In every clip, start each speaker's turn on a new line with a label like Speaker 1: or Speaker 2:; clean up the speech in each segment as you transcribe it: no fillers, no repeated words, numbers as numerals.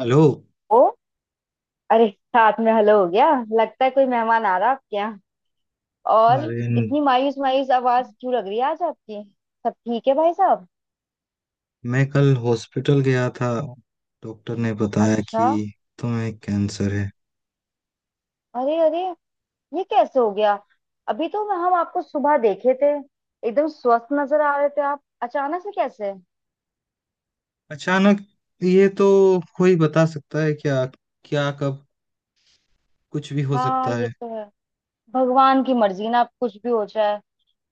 Speaker 1: Hello.
Speaker 2: ओ। अरे। साथ में हेलो हो गया। लगता है कोई मेहमान आ रहा है आपके यहाँ। और
Speaker 1: अरे,
Speaker 2: इतनी मायूस मायूस आवाज क्यों लग रही है आज आपकी? सब ठीक है भाई साहब?
Speaker 1: मैं कल हॉस्पिटल गया था। डॉक्टर ने बताया
Speaker 2: अच्छा।
Speaker 1: कि तुम्हें कैंसर है।
Speaker 2: अरे अरे, ये कैसे हो गया? अभी तो हम आपको सुबह देखे थे। एकदम स्वस्थ नजर आ रहे थे आप, अचानक से कैसे?
Speaker 1: अचानक ये तो कोई बता सकता है क्या, क्या कब? कुछ भी हो
Speaker 2: हाँ,
Speaker 1: सकता
Speaker 2: ये
Speaker 1: है।
Speaker 2: तो है। भगवान की मर्जी ना, आप कुछ भी हो जाए।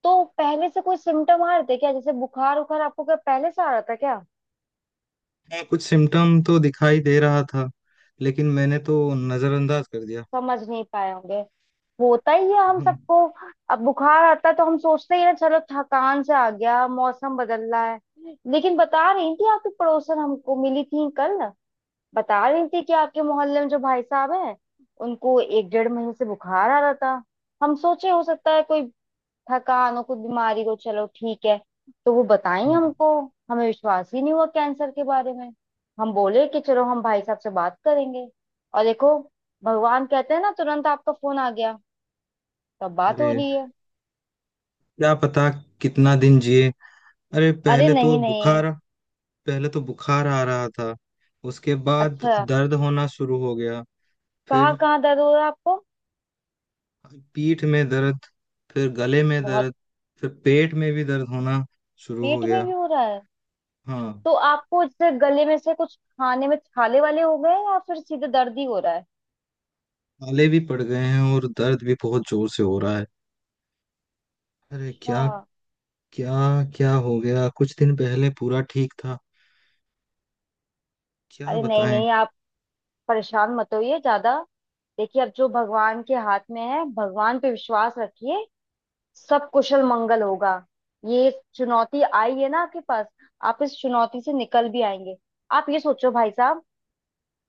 Speaker 2: तो पहले से कोई सिम्टम आ रहे थे क्या, जैसे बुखार उखार आपको क्या पहले से आ रहा था क्या?
Speaker 1: हाँ, कुछ सिम्टम तो दिखाई दे रहा था, लेकिन मैंने तो नजरअंदाज कर दिया।
Speaker 2: समझ नहीं पाए होंगे, होता ही है हम
Speaker 1: हम्म।
Speaker 2: सबको। अब बुखार आता है तो हम सोचते ही हैं चलो थकान से आ गया, मौसम बदल रहा है। लेकिन बता रही थी आपकी पड़ोसन हमको मिली थी कल, बता रही थी कि आपके मोहल्ले में जो भाई साहब हैं उनको एक डेढ़ महीने से बुखार आ रहा था। हम सोचे हो सकता है कोई थकान और कुछ बीमारी को चलो ठीक है। तो वो बताएं हमको, हमें विश्वास ही नहीं हुआ कैंसर के बारे में। हम बोले कि चलो हम भाई साहब से बात करेंगे, और देखो भगवान कहते हैं ना तुरंत आपका फोन आ गया, तब बात हो
Speaker 1: अरे
Speaker 2: रही है।
Speaker 1: क्या पता कितना दिन जिए। अरे
Speaker 2: अरे नहीं नहीं।
Speaker 1: पहले तो बुखार आ रहा था। उसके बाद
Speaker 2: अच्छा।
Speaker 1: दर्द होना शुरू हो गया।
Speaker 2: कहाँ
Speaker 1: फिर
Speaker 2: कहाँ दर्द हो रहा है आपको?
Speaker 1: पीठ में दर्द, फिर गले में
Speaker 2: बहुत।
Speaker 1: दर्द, फिर पेट में भी दर्द होना शुरू हो
Speaker 2: पेट में भी
Speaker 1: गया।
Speaker 2: हो रहा है?
Speaker 1: हाँ,
Speaker 2: तो आपको जैसे गले में से कुछ खाने में छाले वाले हो गए या फिर सीधे दर्द ही हो रहा है?
Speaker 1: छाले भी पड़ गए हैं और दर्द भी बहुत जोर से हो रहा है। अरे
Speaker 2: अच्छा।
Speaker 1: क्या क्या क्या हो गया? कुछ दिन पहले पूरा ठीक था। क्या
Speaker 2: अरे नहीं
Speaker 1: बताएं।
Speaker 2: नहीं, आप परेशान मत होइए ज्यादा। देखिए, अब जो भगवान के हाथ में है भगवान पे विश्वास रखिए, सब कुशल मंगल होगा। ये चुनौती आई है ना आपके पास, आप इस चुनौती से निकल भी आएंगे। आप ये सोचो भाई साहब,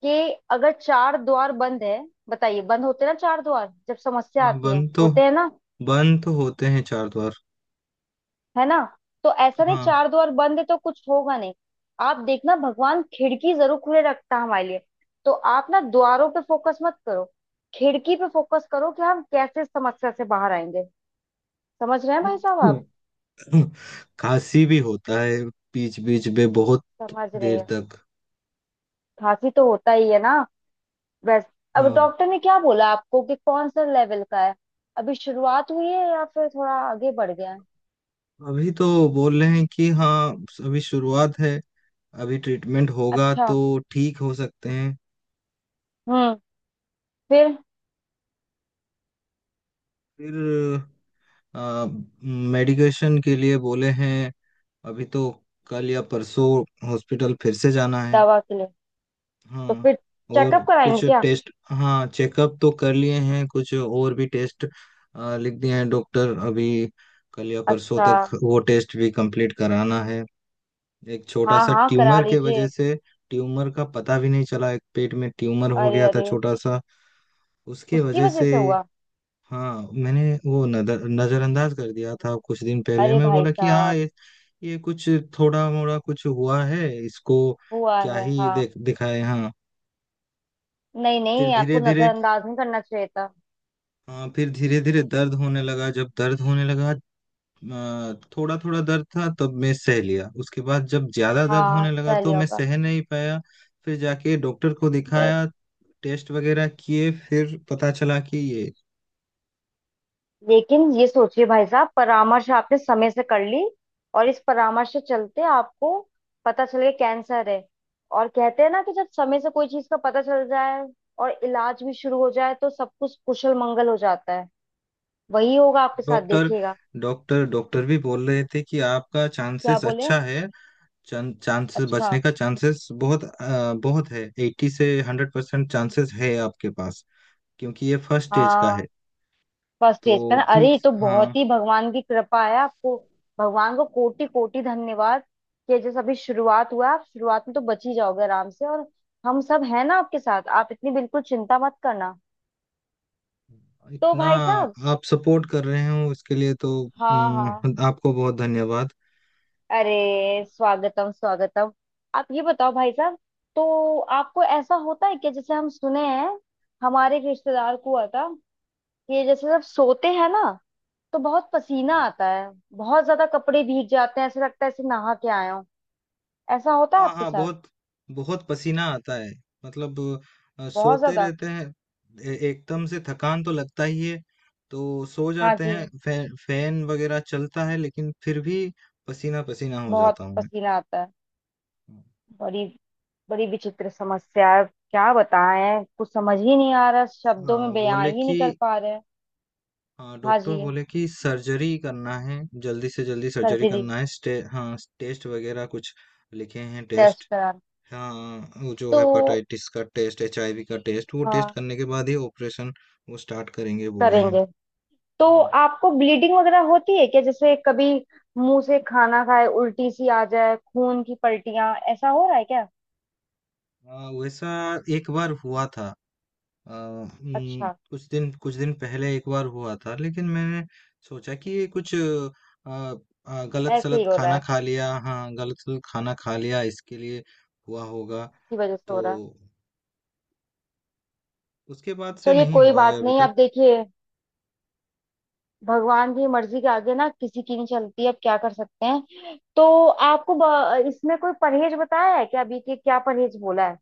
Speaker 2: कि अगर चार द्वार बंद है। बताइए, बंद होते हैं ना चार द्वार जब समस्या
Speaker 1: हाँ
Speaker 2: आती है, होते हैं ना?
Speaker 1: बंद तो होते हैं चार द्वार।
Speaker 2: है ना? तो ऐसा नहीं
Speaker 1: हाँ।
Speaker 2: चार द्वार बंद है तो कुछ होगा नहीं। आप देखना, भगवान खिड़की जरूर खुले रखता है हमारे लिए। तो आप ना द्वारों पे फोकस मत करो, खिड़की पे फोकस करो कि हम कैसे इस समस्या से बाहर आएंगे। समझ रहे हैं भाई साहब आप?
Speaker 1: खांसी भी होता है बीच बीच में, बहुत
Speaker 2: समझ रहे
Speaker 1: देर
Speaker 2: हैं।
Speaker 1: तक।
Speaker 2: खांसी तो होता ही है ना वैसे। अब
Speaker 1: हाँ
Speaker 2: डॉक्टर ने क्या बोला आपको कि कौन सा लेवल का है, अभी शुरुआत हुई है या फिर थोड़ा आगे बढ़ गया है?
Speaker 1: अभी तो बोल रहे हैं कि हाँ, अभी शुरुआत है। अभी ट्रीटमेंट होगा
Speaker 2: अच्छा।
Speaker 1: तो ठीक हो सकते हैं।
Speaker 2: हम्म। फिर?
Speaker 1: फिर मेडिकेशन के लिए बोले हैं। अभी तो कल या परसों हॉस्पिटल फिर से जाना है।
Speaker 2: दवा के लिए? तो
Speaker 1: हाँ।
Speaker 2: फिर
Speaker 1: और
Speaker 2: चेकअप कराएंगे
Speaker 1: कुछ
Speaker 2: क्या?
Speaker 1: टेस्ट, हाँ चेकअप तो कर लिए हैं, कुछ और भी टेस्ट लिख दिए हैं डॉक्टर अभी। कल या परसों
Speaker 2: अच्छा।
Speaker 1: तक वो टेस्ट भी कंप्लीट कराना है। एक छोटा
Speaker 2: हाँ
Speaker 1: सा
Speaker 2: हाँ, करा
Speaker 1: ट्यूमर के
Speaker 2: लीजिए।
Speaker 1: वजह से ट्यूमर का पता भी नहीं चला। एक पेट में ट्यूमर हो
Speaker 2: अरे
Speaker 1: गया था
Speaker 2: अरे।
Speaker 1: छोटा सा। उसके
Speaker 2: उसकी
Speaker 1: वजह
Speaker 2: वजह
Speaker 1: से,
Speaker 2: से हुआ?
Speaker 1: हाँ मैंने वो नजरअंदाज कर दिया था। कुछ दिन पहले
Speaker 2: अरे
Speaker 1: मैं
Speaker 2: भाई
Speaker 1: बोला कि हाँ,
Speaker 2: साहब।
Speaker 1: ये कुछ थोड़ा मोड़ा कुछ हुआ है इसको,
Speaker 2: हुआ
Speaker 1: क्या
Speaker 2: है
Speaker 1: ही
Speaker 2: हाँ।
Speaker 1: देख दिखाए। हाँ
Speaker 2: नहीं
Speaker 1: फिर
Speaker 2: नहीं,
Speaker 1: धीरे
Speaker 2: आपको
Speaker 1: धीरे,
Speaker 2: नजरअंदाज नहीं करना चाहिए था।
Speaker 1: हाँ फिर धीरे धीरे दर्द होने लगा। जब दर्द होने लगा, थोड़ा थोड़ा दर्द था तब मैं सह लिया। उसके बाद जब ज्यादा दर्द
Speaker 2: हाँ
Speaker 1: होने लगा
Speaker 2: सही
Speaker 1: तो मैं
Speaker 2: होगा।
Speaker 1: सह नहीं पाया। फिर जाके डॉक्टर को दिखाया, टेस्ट वगैरह किए, फिर पता चला कि ये
Speaker 2: लेकिन ये सोचिए भाई साहब, परामर्श आपने समय से कर ली, और इस परामर्श से चलते आपको पता चल गया कैंसर है। और कहते हैं ना कि जब समय से कोई चीज का पता चल जाए और इलाज भी शुरू हो जाए, तो सब कुछ कुशल मंगल हो जाता है। वही होगा आपके साथ,
Speaker 1: डॉक्टर
Speaker 2: देखिएगा।
Speaker 1: डॉक्टर डॉक्टर भी बोल रहे थे कि आपका
Speaker 2: क्या
Speaker 1: चांसेस
Speaker 2: बोले?
Speaker 1: अच्छा है। चांसेस
Speaker 2: अच्छा।
Speaker 1: बचने का चांसेस बहुत बहुत है। 80 से 100% चांसेस है आपके पास, क्योंकि ये फर्स्ट स्टेज का
Speaker 2: हाँ।
Speaker 1: है।
Speaker 2: फर्स्ट
Speaker 1: तो
Speaker 2: स्टेज पे ना, अरे
Speaker 1: ठीक,
Speaker 2: ये तो बहुत
Speaker 1: हाँ।
Speaker 2: ही भगवान की कृपा है आपको। भगवान को कोटि कोटि धन्यवाद कि जैसे अभी शुरुआत हुआ है, आप शुरुआत में तो बच ही जाओगे आराम से। और हम सब हैं ना आपके साथ, आप इतनी बिल्कुल चिंता मत करना। तो
Speaker 1: इतना
Speaker 2: भाई साहब,
Speaker 1: आप सपोर्ट कर रहे हो इसके लिए तो
Speaker 2: हाँ हाँ।
Speaker 1: आपको बहुत धन्यवाद।
Speaker 2: अरे, स्वागतम स्वागतम। आप ये बताओ भाई साहब, तो आपको ऐसा होता है कि जैसे हम सुने हैं, हमारे एक रिश्तेदार को हुआ था, कि जैसे जब सोते हैं ना तो बहुत पसीना आता है, बहुत ज्यादा, कपड़े भीग जाते हैं, ऐसे लगता है ऐसे नहा के आए हो। ऐसा होता है
Speaker 1: हाँ
Speaker 2: आपके
Speaker 1: हाँ,
Speaker 2: साथ?
Speaker 1: बहुत, बहुत पसीना आता है। मतलब
Speaker 2: बहुत
Speaker 1: सोते
Speaker 2: ज्यादा।
Speaker 1: रहते हैं। एकदम से थकान तो लगता ही है। तो सो
Speaker 2: हाँ
Speaker 1: जाते
Speaker 2: जी।
Speaker 1: हैं, फैन वगैरह चलता है, लेकिन फिर भी पसीना पसीना हो
Speaker 2: बहुत
Speaker 1: जाता हूँ मैं।
Speaker 2: पसीना आता है। बड़ी, बड़ी विचित्र समस्या है। क्या बताएं, कुछ समझ ही नहीं आ रहा, शब्दों में
Speaker 1: हाँ
Speaker 2: बयां
Speaker 1: बोले
Speaker 2: ही नहीं
Speaker 1: कि
Speaker 2: कर पा रहे हैं।
Speaker 1: हाँ,
Speaker 2: हाँ
Speaker 1: डॉक्टर
Speaker 2: जी।
Speaker 1: बोले कि सर्जरी करना है, जल्दी से जल्दी सर्जरी
Speaker 2: सर्जरी।
Speaker 1: करना है। हाँ टेस्ट वगैरह कुछ लिखे हैं
Speaker 2: टेस्ट
Speaker 1: टेस्ट।
Speaker 2: करा।
Speaker 1: हाँ, वो जो
Speaker 2: तो
Speaker 1: हेपाटाइटिस का टेस्ट, एचआईवी का टेस्ट, वो टेस्ट
Speaker 2: हाँ
Speaker 1: करने के बाद ही ऑपरेशन वो स्टार्ट करेंगे बोले हैं।
Speaker 2: करेंगे। तो
Speaker 1: हाँ।
Speaker 2: आपको ब्लीडिंग वगैरह होती है क्या, जैसे कभी मुंह से खाना खाए उल्टी सी आ जाए, खून की पलटियां, ऐसा हो रहा है क्या?
Speaker 1: वैसा एक बार हुआ था।
Speaker 2: अच्छा।
Speaker 1: कुछ दिन पहले एक बार हुआ था, लेकिन मैंने सोचा कि ये कुछ आ, आ, गलत
Speaker 2: ऐसे ही
Speaker 1: सलत
Speaker 2: हो रहा
Speaker 1: खाना
Speaker 2: है?
Speaker 1: खा लिया। हाँ गलत सलत खाना खा लिया इसके लिए हुआ होगा।
Speaker 2: इसकी वजह से हो
Speaker 1: तो
Speaker 2: रहा है।
Speaker 1: उसके बाद से
Speaker 2: चलिए
Speaker 1: नहीं
Speaker 2: कोई
Speaker 1: हुआ है
Speaker 2: बात
Speaker 1: अभी
Speaker 2: नहीं, आप
Speaker 1: तक।
Speaker 2: देखिए भगवान की मर्जी के आगे ना किसी की नहीं चलती, अब क्या कर सकते हैं। तो आपको इसमें कोई परहेज बताया है क्या, अभी के क्या परहेज बोला है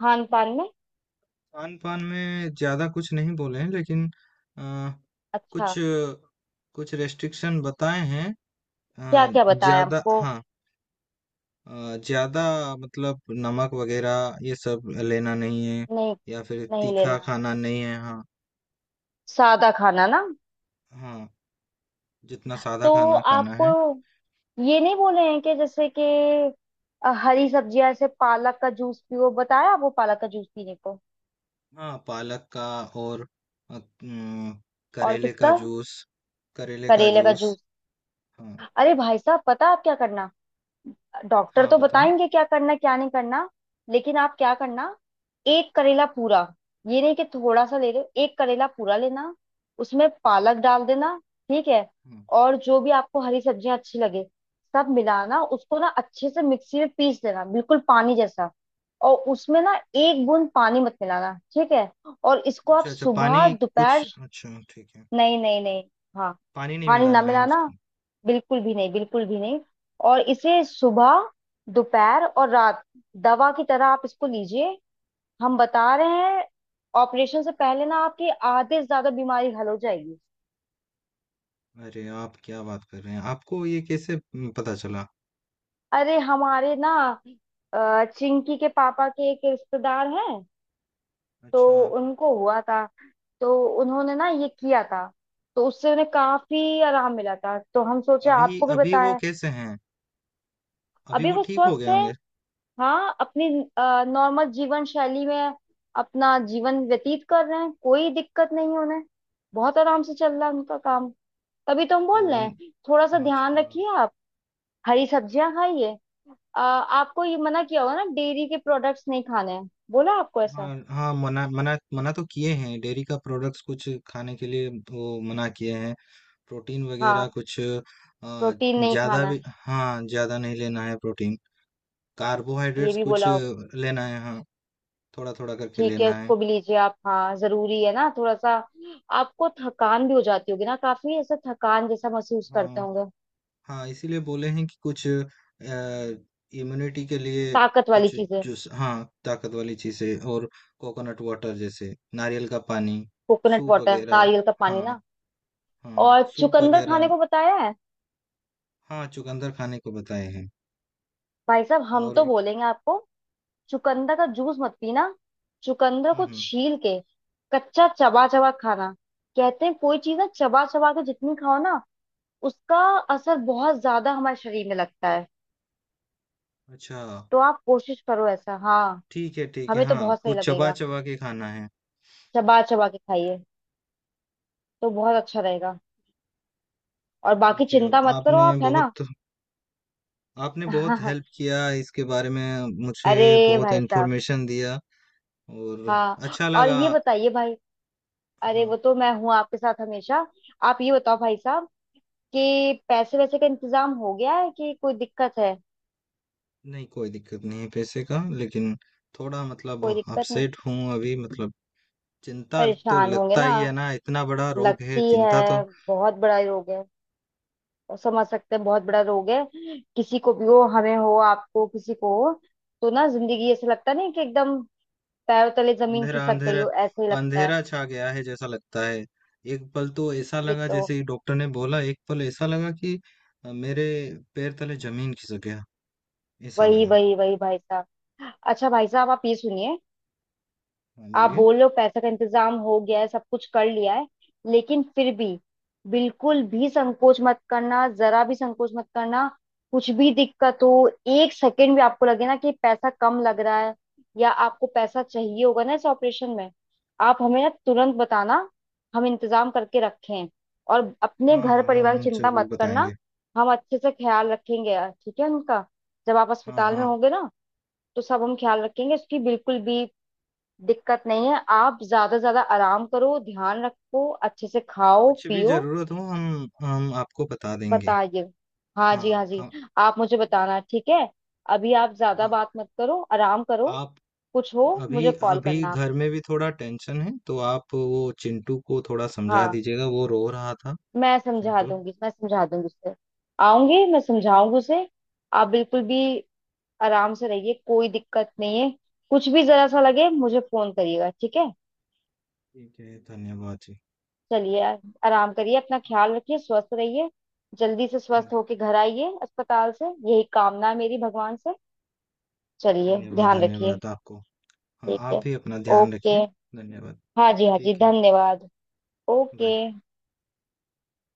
Speaker 2: खान पान में?
Speaker 1: खान पान में ज्यादा कुछ नहीं बोले हैं, लेकिन आ,
Speaker 2: अच्छा।
Speaker 1: कुछ कुछ रेस्ट्रिक्शन बताए हैं।
Speaker 2: क्या
Speaker 1: आ,
Speaker 2: क्या बताया
Speaker 1: ज्यादा,
Speaker 2: आपको?
Speaker 1: हाँ ज़्यादा मतलब नमक वग़ैरह ये सब लेना नहीं है,
Speaker 2: नहीं,
Speaker 1: या फिर
Speaker 2: नहीं लेना
Speaker 1: तीखा
Speaker 2: है,
Speaker 1: खाना नहीं है। हाँ,
Speaker 2: सादा खाना ना।
Speaker 1: हाँ, जितना सादा
Speaker 2: तो
Speaker 1: खाना खाना
Speaker 2: आपको
Speaker 1: है।
Speaker 2: ये नहीं बोले हैं कि जैसे कि हरी सब्जियां, ऐसे पालक का जूस पियो, बताया आपको पालक का जूस पीने को?
Speaker 1: हाँ, पालक का, और अ, उम,
Speaker 2: और
Speaker 1: करेले का
Speaker 2: किसका?
Speaker 1: जूस। करेले का
Speaker 2: करेले का
Speaker 1: जूस।
Speaker 2: जूस।
Speaker 1: हाँ,
Speaker 2: अरे भाई साहब, पता है आप क्या करना। डॉक्टर
Speaker 1: हाँ,
Speaker 2: तो
Speaker 1: बताओ?
Speaker 2: बताएंगे क्या करना क्या नहीं करना, लेकिन आप क्या करना, एक करेला पूरा, ये नहीं कि थोड़ा सा ले रहे हो, एक करेला पूरा लेना, उसमें
Speaker 1: अच्छा,
Speaker 2: पालक डाल देना, ठीक है?
Speaker 1: हाँ।
Speaker 2: और जो भी आपको हरी सब्जियां अच्छी लगे, सब मिलाना, उसको ना अच्छे से मिक्सी में पीस देना बिल्कुल पानी जैसा। और उसमें ना एक बूंद पानी मत मिलाना, ठीक है? और इसको आप
Speaker 1: अच्छा, अच्छा पानी
Speaker 2: सुबह
Speaker 1: कुछ
Speaker 2: दोपहर।
Speaker 1: अच्छा ठीक है।
Speaker 2: नहीं नहीं नहीं। हाँ।
Speaker 1: पानी नहीं
Speaker 2: पानी ना
Speaker 1: मिलाना है
Speaker 2: मिलाना,
Speaker 1: उसमें?
Speaker 2: बिल्कुल भी नहीं, बिल्कुल भी नहीं। और इसे सुबह, दोपहर और रात, दवा की तरह आप इसको लीजिए। हम बता रहे हैं, ऑपरेशन से पहले ना आपकी आधे से ज्यादा बीमारी हल हो जाएगी।
Speaker 1: अरे! आप क्या बात कर रहे हैं? आपको ये कैसे पता चला?
Speaker 2: अरे हमारे ना, चिंकी के पापा के एक रिश्तेदार हैं, तो
Speaker 1: अच्छा।
Speaker 2: उनको हुआ था, तो उन्होंने ना ये किया था, तो उससे उन्हें काफी आराम मिला था, तो हम सोचे
Speaker 1: अभी
Speaker 2: आपको भी
Speaker 1: अभी वो
Speaker 2: बताएं।
Speaker 1: कैसे हैं? अभी
Speaker 2: अभी
Speaker 1: वो
Speaker 2: वो
Speaker 1: ठीक हो
Speaker 2: स्वस्थ
Speaker 1: गए
Speaker 2: है,
Speaker 1: होंगे?
Speaker 2: हाँ। अपनी नॉर्मल जीवन शैली में अपना जीवन व्यतीत कर रहे हैं, कोई दिक्कत नहीं उन्हें, बहुत आराम से चल रहा है उनका काम। तभी तो हम
Speaker 1: तो
Speaker 2: बोल रहे
Speaker 1: उन,
Speaker 2: हैं, थोड़ा सा ध्यान
Speaker 1: अच्छा।
Speaker 2: रखिए आप, हरी सब्जियां खाइए। आपको ये मना किया होगा ना, डेयरी के प्रोडक्ट्स नहीं खाने हैं, बोला आपको
Speaker 1: हाँ
Speaker 2: ऐसा?
Speaker 1: हाँ, मना मना मना तो किए हैं, डेयरी का प्रोडक्ट्स कुछ खाने के लिए वो मना किए हैं। प्रोटीन वगैरह
Speaker 2: हाँ।
Speaker 1: कुछ
Speaker 2: प्रोटीन नहीं
Speaker 1: ज्यादा
Speaker 2: खाना,
Speaker 1: भी, हाँ ज्यादा नहीं लेना है प्रोटीन।
Speaker 2: ये
Speaker 1: कार्बोहाइड्रेट्स
Speaker 2: भी
Speaker 1: कुछ
Speaker 2: बोला होगा।
Speaker 1: लेना है, हाँ थोड़ा थोड़ा करके
Speaker 2: ठीक है,
Speaker 1: लेना है।
Speaker 2: उसको भी लीजिए आप, हाँ जरूरी है ना थोड़ा सा। आपको थकान भी हो जाती होगी ना काफी, ऐसा थकान जैसा महसूस करते
Speaker 1: हाँ
Speaker 2: होंगे।
Speaker 1: हाँ इसीलिए बोले हैं कि कुछ इम्यूनिटी के लिए
Speaker 2: ताकत वाली
Speaker 1: कुछ
Speaker 2: चीजें।
Speaker 1: जूस, हाँ, ताकत वाली चीजें, और कोकोनट वाटर, जैसे नारियल का पानी,
Speaker 2: कोकोनट
Speaker 1: सूप
Speaker 2: वाटर,
Speaker 1: वगैरह।
Speaker 2: नारियल का पानी
Speaker 1: हाँ।
Speaker 2: ना।
Speaker 1: हाँ,
Speaker 2: और
Speaker 1: सूप
Speaker 2: चुकंदर खाने
Speaker 1: वगैरह।
Speaker 2: को बताया है?
Speaker 1: हाँ, चुकंदर खाने को बताए हैं
Speaker 2: भाई साहब हम
Speaker 1: और,
Speaker 2: तो बोलेंगे आपको, चुकंदर का जूस मत पीना, चुकंदर
Speaker 1: हुँ,
Speaker 2: को
Speaker 1: हुँ।
Speaker 2: छील के कच्चा चबा चबा खाना। कहते हैं कोई चीज ना चबा चबा के जितनी खाओ ना, उसका असर बहुत ज्यादा हमारे शरीर में लगता है।
Speaker 1: अच्छा,
Speaker 2: तो आप कोशिश करो ऐसा, हाँ
Speaker 1: ठीक है, ठीक है।
Speaker 2: हमें तो
Speaker 1: हाँ,
Speaker 2: बहुत सही
Speaker 1: वो
Speaker 2: लगेगा,
Speaker 1: चबा-चबा के खाना है।
Speaker 2: चबा चबा के खाइए तो बहुत अच्छा रहेगा। और बाकी
Speaker 1: ठीक है,
Speaker 2: चिंता मत करो
Speaker 1: आपने
Speaker 2: आप, है ना?
Speaker 1: बहुत आपने बहुत हेल्प किया, इसके बारे में मुझे
Speaker 2: अरे
Speaker 1: बहुत
Speaker 2: भाई साहब।
Speaker 1: इन्फॉर्मेशन दिया, और
Speaker 2: हाँ।
Speaker 1: अच्छा
Speaker 2: और
Speaker 1: लगा।
Speaker 2: ये बताइए भाई, अरे
Speaker 1: हाँ,
Speaker 2: वो तो मैं हूँ आपके साथ हमेशा। आप ये बताओ भाई साहब, कि पैसे वैसे का इंतजाम हो गया है कि कोई दिक्कत है?
Speaker 1: नहीं कोई दिक्कत नहीं है पैसे का, लेकिन थोड़ा मतलब
Speaker 2: कोई दिक्कत नहीं।
Speaker 1: अपसेट हूँ अभी, मतलब चिंता तो
Speaker 2: परेशान होंगे
Speaker 1: लगता
Speaker 2: ना,
Speaker 1: ही है ना, इतना बड़ा रोग है,
Speaker 2: लगती
Speaker 1: चिंता तो
Speaker 2: है। बहुत बड़ा रोग है, और समझ सकते हैं बहुत बड़ा रोग है। किसी को भी हो, हमें हो आपको किसी को हो, तो ना जिंदगी ऐसे लगता नहीं कि एकदम पैरों तले जमीन
Speaker 1: अंधेरा,
Speaker 2: खिसक गई
Speaker 1: अंधेरा,
Speaker 2: हो, ऐसे ही लगता है।
Speaker 1: अंधेरा छा गया है जैसा लगता है। एक पल तो ऐसा
Speaker 2: ये
Speaker 1: लगा,
Speaker 2: तो
Speaker 1: जैसे ही डॉक्टर ने बोला एक पल ऐसा लगा कि मेरे पैर तले जमीन खिसक गया, ऐसा
Speaker 2: वही
Speaker 1: लगा।
Speaker 2: वही वही भाई साहब। अच्छा भाई साहब, आप ये सुनिए।
Speaker 1: हाँ
Speaker 2: आप
Speaker 1: बोलिए।
Speaker 2: बोल रहे हो पैसे का इंतजाम हो गया है, सब कुछ कर लिया है, लेकिन फिर भी बिल्कुल भी संकोच मत करना, जरा भी संकोच मत करना। कुछ भी दिक्कत हो, एक सेकंड भी आपको लगे ना कि पैसा कम लग रहा है, या आपको पैसा चाहिए होगा ना इस ऑपरेशन में, आप हमें ना तुरंत बताना, हम इंतजाम करके रखें। और अपने
Speaker 1: हाँ
Speaker 2: घर
Speaker 1: हाँ हाँ,
Speaker 2: परिवार
Speaker 1: हम
Speaker 2: की चिंता
Speaker 1: जरूर
Speaker 2: मत करना,
Speaker 1: बताएंगे।
Speaker 2: हम अच्छे से ख्याल रखेंगे यार, ठीक है उनका। जब आप
Speaker 1: हाँ
Speaker 2: अस्पताल में
Speaker 1: हाँ,
Speaker 2: होंगे ना, तो सब हम ख्याल रखेंगे, इसकी बिल्कुल भी दिक्कत नहीं है। आप ज्यादा से ज्यादा आराम करो, ध्यान रखो, अच्छे से खाओ
Speaker 1: कुछ भी
Speaker 2: पियो।
Speaker 1: जरूरत हो हम आपको बता देंगे।
Speaker 2: बताइए। हाँ जी,
Speaker 1: हाँ,
Speaker 2: हाँ जी।
Speaker 1: हाँ,
Speaker 2: आप मुझे बताना, ठीक है? अभी आप ज्यादा
Speaker 1: हाँ।
Speaker 2: बात मत करो, आराम करो,
Speaker 1: आप
Speaker 2: कुछ हो
Speaker 1: अभी
Speaker 2: मुझे कॉल
Speaker 1: अभी
Speaker 2: करना आप।
Speaker 1: घर में भी थोड़ा टेंशन है, तो आप वो चिंटू को थोड़ा समझा
Speaker 2: हाँ।
Speaker 1: दीजिएगा, वो रो रहा था।
Speaker 2: मैं समझा
Speaker 1: चिंटू।
Speaker 2: दूंगी, मैं समझा दूंगी उसे, आऊंगी मैं समझाऊंगी उसे। आप बिल्कुल भी आराम से रहिए, कोई दिक्कत नहीं है। कुछ भी जरा सा लगे मुझे फोन करिएगा, ठीक है?
Speaker 1: ठीक है, धन्यवाद जी।
Speaker 2: चलिए, आराम करिए, अपना
Speaker 1: हाँ,
Speaker 2: ख्याल रखिए, स्वस्थ रहिए। जल्दी से
Speaker 1: हाँ।
Speaker 2: स्वस्थ होके घर आइए अस्पताल से, यही कामना है मेरी भगवान से। चलिए,
Speaker 1: धन्यवाद,
Speaker 2: ध्यान रखिए।
Speaker 1: धन्यवाद आपको। हाँ,
Speaker 2: ठीक
Speaker 1: आप
Speaker 2: है।
Speaker 1: भी अपना ध्यान
Speaker 2: ओके।
Speaker 1: रखिए। धन्यवाद।
Speaker 2: हाँ जी हाँ जी
Speaker 1: ठीक है,
Speaker 2: धन्यवाद। ओके।
Speaker 1: बाय।